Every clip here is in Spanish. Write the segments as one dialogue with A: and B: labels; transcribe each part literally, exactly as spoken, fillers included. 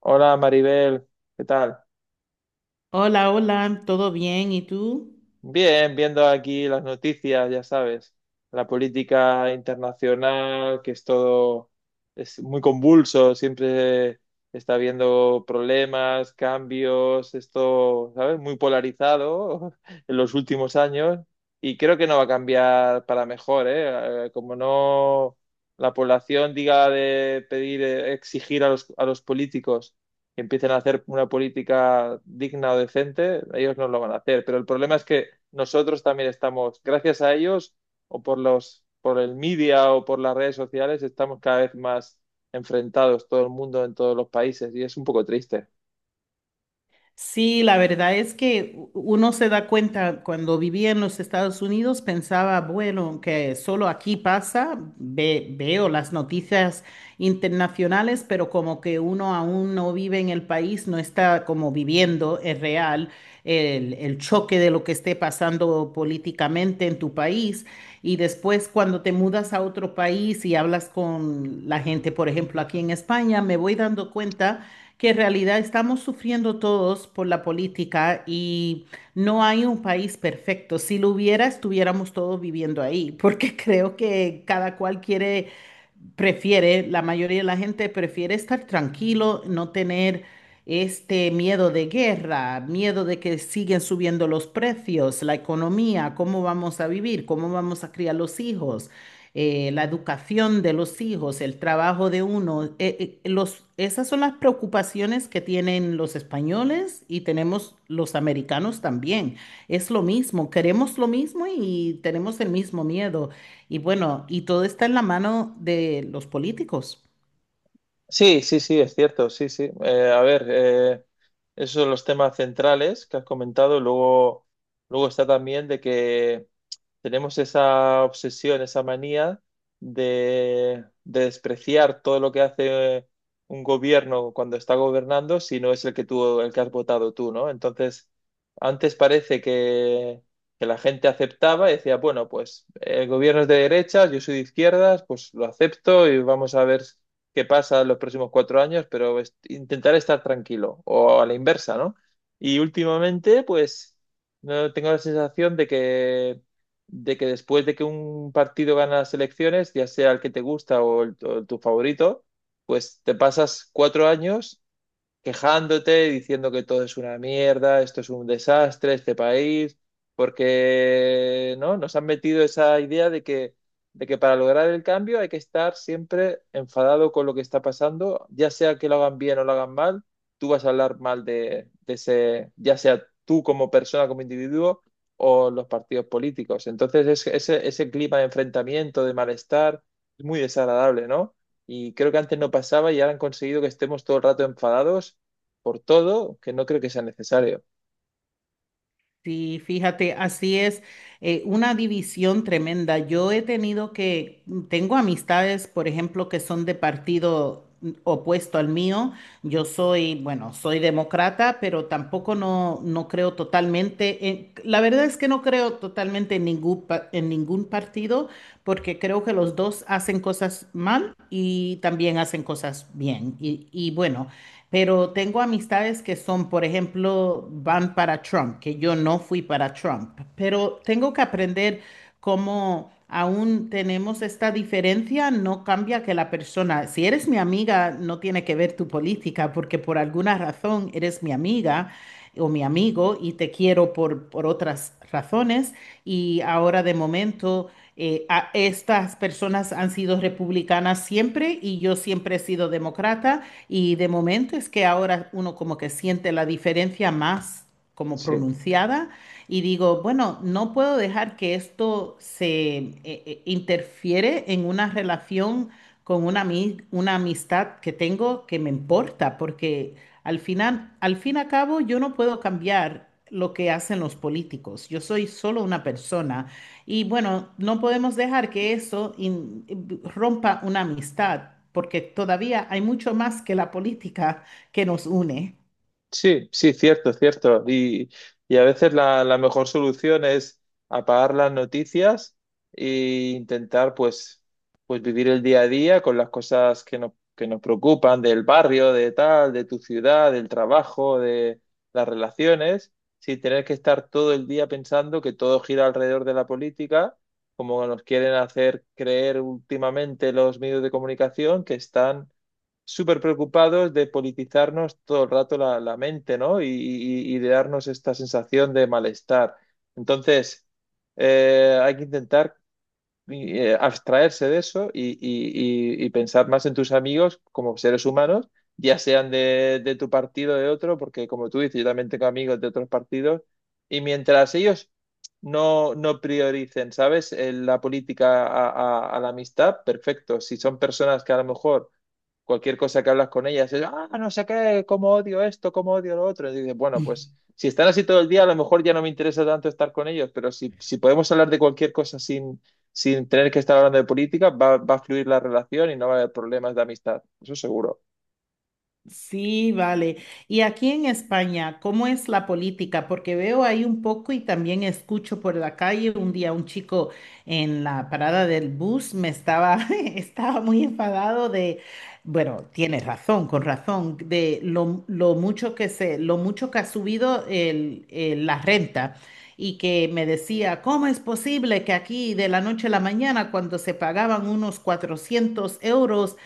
A: Hola Maribel, ¿qué tal?
B: Hola, hola, ¿todo bien? ¿Y tú?
A: Bien, viendo aquí las noticias, ya sabes, la política internacional, que es todo, es muy convulso, siempre está habiendo problemas, cambios, esto, ¿sabes? Muy polarizado en los últimos años y creo que no va a cambiar para mejor, ¿eh? Eh, Como no la población diga de pedir, eh, exigir a los, a los políticos, empiecen a hacer una política digna o decente. Ellos no lo van a hacer, pero el problema es que nosotros también estamos, gracias a ellos, o por los, por el media o por las redes sociales, estamos cada vez más enfrentados, todo el mundo en todos los países, y es un poco triste.
B: Sí, la verdad es que u- uno se da cuenta cuando vivía en los Estados Unidos, pensaba, bueno, que solo aquí pasa, ve- veo las noticias internacionales, pero como que uno aún no vive en el país, no está como viviendo, es real, el, el choque de lo que esté pasando políticamente en tu país. Y después cuando te mudas a otro país y hablas con la gente, por ejemplo, aquí en España, me voy dando cuenta que en realidad estamos sufriendo todos por la política y no hay un país perfecto. Si lo hubiera, estuviéramos todos viviendo ahí, porque creo que cada cual quiere prefiere, la mayoría de la gente prefiere estar tranquilo, no tener este miedo de guerra, miedo de que siguen subiendo los precios, la economía, cómo vamos a vivir, cómo vamos a criar los hijos, eh, la educación de los hijos, el trabajo de uno. Eh, eh, los, esas son las preocupaciones que tienen los españoles y tenemos los americanos también. Es lo mismo, queremos lo mismo y tenemos el mismo miedo. Y bueno, y todo está en la mano de los políticos.
A: Sí, sí, sí, es cierto, sí, sí. Eh, a ver, eh, esos son los temas centrales que has comentado. Luego, luego está también de que tenemos esa obsesión, esa manía de, de despreciar todo lo que hace un gobierno cuando está gobernando si no es el que tú, el que has votado tú, ¿no? Entonces, antes parece que, que la gente aceptaba y decía: bueno, pues eh, el gobierno es de derechas, yo soy de izquierdas, pues lo acepto y vamos a ver qué pasa en los próximos cuatro años, pero es- intentar estar tranquilo, o a la inversa, ¿no? Y últimamente, pues... no tengo la sensación de que de que después de que un partido gana las elecciones, ya sea el que te gusta o el- o tu favorito, pues te pasas cuatro años quejándote, diciendo que todo es una mierda, esto es un desastre, este país, porque, ¿no?, nos han metido esa idea de que, de que para lograr el cambio hay que estar siempre enfadado con lo que está pasando. Ya sea que lo hagan bien o lo hagan mal, tú vas a hablar mal de, de ese, ya sea tú como persona, como individuo, o los partidos políticos. Entonces, es- ese, ese clima de enfrentamiento, de malestar, es muy desagradable, ¿no? Y creo que antes no pasaba y ahora han conseguido que estemos todo el rato enfadados por todo, que no creo que sea necesario.
B: Sí, fíjate, así es, eh, una división tremenda. Yo he tenido que, mm, tengo amistades, por ejemplo, que son de partido, mm, opuesto al mío. Yo soy, bueno, soy demócrata, pero tampoco no, no creo totalmente, en- la verdad es que no creo totalmente en ningún, pa- en ningún partido, porque creo que los dos hacen cosas mal y también hacen cosas bien. Y, y bueno. Pero tengo amistades que son, por ejemplo, van para Trump, que yo no fui para Trump, pero tengo que aprender cómo aún tenemos esta diferencia, no cambia que la persona, si eres mi amiga, no tiene que ver tu política, porque por alguna razón eres mi amiga o mi amigo y te quiero por, por otras razones. Y ahora de momento, eh, a- estas personas han sido republicanas siempre y yo siempre he sido demócrata. Y de momento es que ahora uno como que siente la diferencia más como
A: Sí.
B: pronunciada y digo, bueno, no puedo dejar que esto se eh, eh, interfiere en una relación con una, ami- una amistad que tengo que me importa, porque al final, al fin y al cabo, yo no puedo cambiar lo que hacen los políticos. Yo soy solo una persona y bueno, no podemos dejar que eso in- rompa una amistad, porque todavía hay mucho más que la política que nos une.
A: Sí, sí, cierto, cierto. Y, y a veces la, la mejor solución es apagar las noticias e intentar, pues, pues vivir el día a día con las cosas que nos, que nos preocupan del barrio, de tal, de tu ciudad, del trabajo, de las relaciones, sin tener que estar todo el día pensando que todo gira alrededor de la política, como nos quieren hacer creer últimamente los medios de comunicación, que están súper preocupados de politizarnos todo el rato la, la mente, ¿no? Y, y- y de darnos esta sensación de malestar. Entonces, eh, hay que intentar, eh, abstraerse de eso y, y- y- y pensar más en tus amigos como seres humanos, ya sean de, de tu partido o de otro, porque como tú dices, yo también tengo amigos de otros partidos, y mientras ellos... no, no prioricen, ¿sabes? Eh, La política a a- a la amistad, perfecto. Si son personas que a lo mejor cualquier cosa que hablas con ellas es: ah, no sé qué, cómo odio esto, cómo odio lo otro. Y dices: bueno, pues si están así todo el día, a lo mejor ya no me interesa tanto estar con ellos. Pero si, si podemos hablar de cualquier cosa sin, sin tener que estar hablando de política, va, va a fluir la relación y no va a haber problemas de amistad, eso seguro.
B: Sí, vale. Y aquí en España, ¿cómo es la política? Porque veo ahí un poco y también escucho por la calle. Un día un chico en la parada del bus me estaba, estaba muy enfadado de, bueno, tiene razón, con razón, de lo, lo mucho que se, lo mucho que ha subido el- el- la renta. Y que me decía, ¿cómo es posible que aquí de la noche a la mañana, cuando se pagaban unos cuatrocientos euros,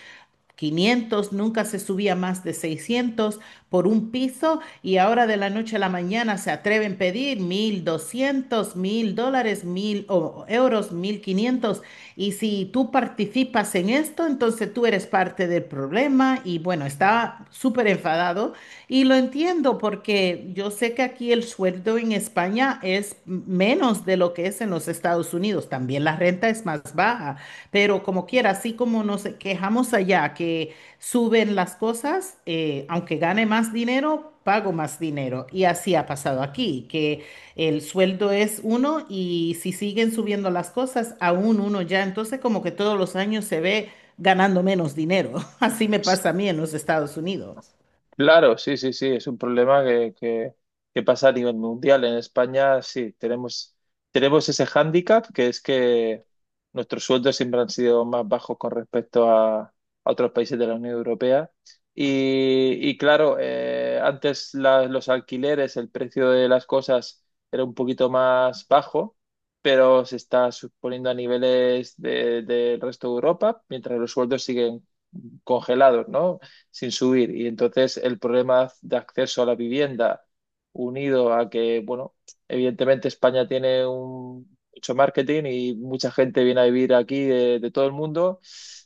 B: Quinientos nunca se subía más de seiscientos por un piso, y ahora de la noche a la mañana se atreven a pedir mil doscientos, mil dólares, mil o- euros, mil quinientos? Y si tú participas en esto, entonces tú eres parte del problema. Y bueno, estaba súper enfadado y lo entiendo porque yo sé que aquí el sueldo en España es menos de lo que es en los Estados Unidos, también la renta es más baja. Pero como quiera, así como nos quejamos allá que suben las cosas, eh, aunque gane más dinero, pago más dinero. Y así ha pasado aquí, que el sueldo es uno y si siguen subiendo las cosas, aún uno ya. Entonces como que todos los años se ve ganando menos dinero. Así me pasa a mí en los Estados Unidos.
A: Claro, sí, sí, sí, es un problema que, que- que pasa a nivel mundial. En España sí, tenemos, tenemos ese hándicap que es que nuestros sueldos siempre han sido más bajos con respecto a, a otros países de la Unión Europea. Y, y claro, eh, antes la- los alquileres, el precio de las cosas era un poquito más bajo, pero se está suponiendo a niveles de- del resto de Europa, mientras los sueldos siguen congelados, ¿no? Sin subir. Y entonces el problema de acceso a la vivienda, unido a que, bueno, evidentemente España tiene un, mucho marketing y mucha gente viene a vivir aquí de, de todo el mundo.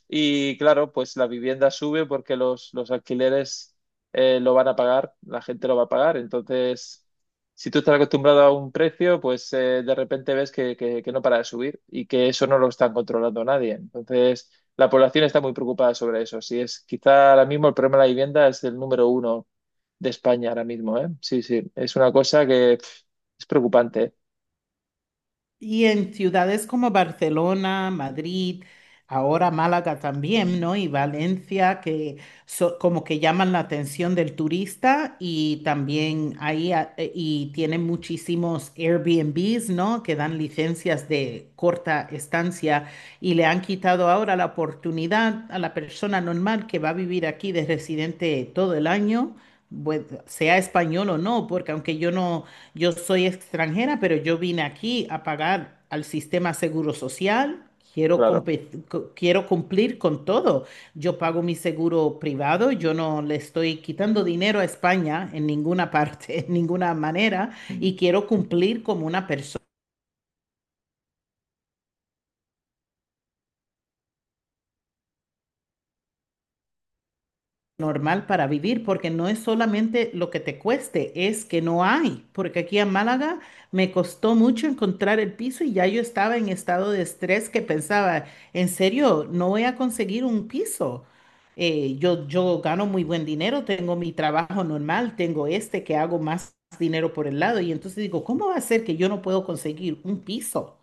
A: Y claro, pues la vivienda sube porque los, los alquileres eh, lo van a pagar, la gente lo va a pagar. Entonces, si tú estás acostumbrado a un precio, pues eh, de repente ves que, que- que no para de subir y que eso no lo están controlando nadie. Entonces, la población está muy preocupada sobre eso. Sí, es quizá ahora mismo el problema de la vivienda es el número uno de España ahora mismo, ¿eh? Sí, sí, es una cosa que pf, es preocupante, ¿eh?
B: Y en ciudades como Barcelona, Madrid, ahora Málaga también, ¿no? Y Valencia, que so- como que llaman la atención del turista y también ahí, a- eh, y tienen muchísimos Airbnbs, ¿no? Que dan licencias de corta estancia y le han quitado ahora la oportunidad a la persona normal que va a vivir aquí de residente todo el año, pues, sea español o no, porque aunque yo no, yo soy extranjera, pero yo vine aquí a pagar al sistema Seguro Social. Quiero,
A: Claro,
B: compe- co- quiero cumplir con todo. Yo pago mi seguro privado, yo no le estoy quitando dinero a España en ninguna parte, en ninguna manera,
A: mm,
B: y quiero cumplir como una persona normal para vivir, porque no es solamente lo que te cueste, es que no hay, porque aquí en Málaga me costó mucho encontrar el piso y ya yo estaba en estado de estrés que pensaba, en serio, no voy a conseguir un piso. Eh, yo, yo gano muy buen dinero, tengo mi trabajo normal, tengo este que hago más dinero por el lado y entonces digo, ¿cómo va a ser que yo no puedo conseguir un piso?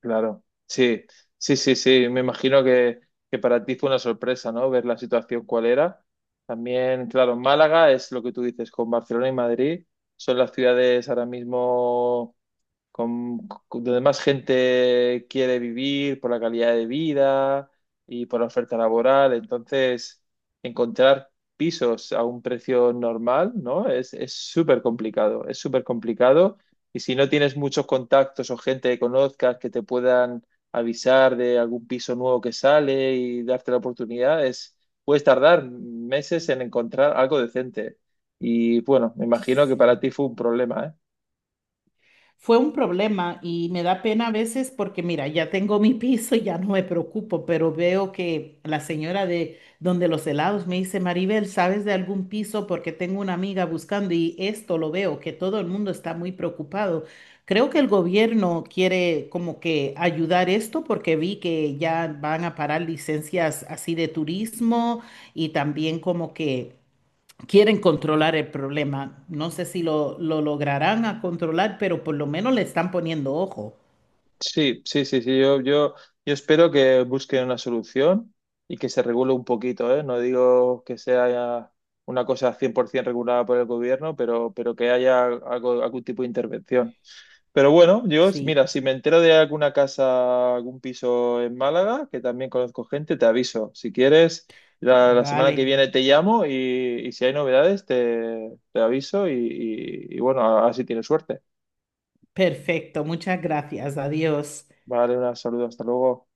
A: claro. Sí, sí, sí, sí. Me imagino que, que para ti fue una sorpresa, ¿no? Ver la situación cuál era. También, claro, Málaga es lo que tú dices, con Barcelona y Madrid, son las ciudades ahora mismo con, con- donde más gente quiere vivir por la calidad de vida y por la oferta laboral. Entonces, encontrar pisos a un precio normal, ¿no? Es, es súper complicado, es súper complicado. Y si no tienes muchos contactos o gente que conozcas que te puedan avisar de algún piso nuevo que sale y darte la oportunidad, es, puedes tardar meses en encontrar algo decente. Y bueno, me imagino que
B: Sí,
A: para ti fue un problema, ¿eh?
B: fue un problema y me da pena a veces porque, mira, ya tengo mi piso y ya no me preocupo, pero veo que la señora de donde los helados me dice, Maribel, ¿sabes de algún piso? Porque tengo una amiga buscando y esto lo veo, que todo el mundo está muy preocupado. Creo que el gobierno quiere como que ayudar esto porque vi que ya van a parar licencias así de turismo y también como que quieren controlar el problema. No sé si lo, lo lograrán a controlar, pero por lo menos le están poniendo ojo.
A: Sí, sí, sí, sí. Yo, yo, yo espero que busquen una solución y que se regule un poquito, ¿eh? No digo que sea una cosa cien por ciento regulada por el gobierno, pero, pero que haya algo, algún tipo de intervención. Pero bueno, yo,
B: Sí,
A: mira, si me entero de alguna casa, algún piso en Málaga, que también conozco gente, te aviso. Si quieres, la, la semana
B: vale.
A: que viene te llamo y, y si hay novedades, te, te aviso y, y y bueno, así tienes suerte.
B: Perfecto. Muchas gracias. Adiós.
A: Vale, un saludo, hasta luego.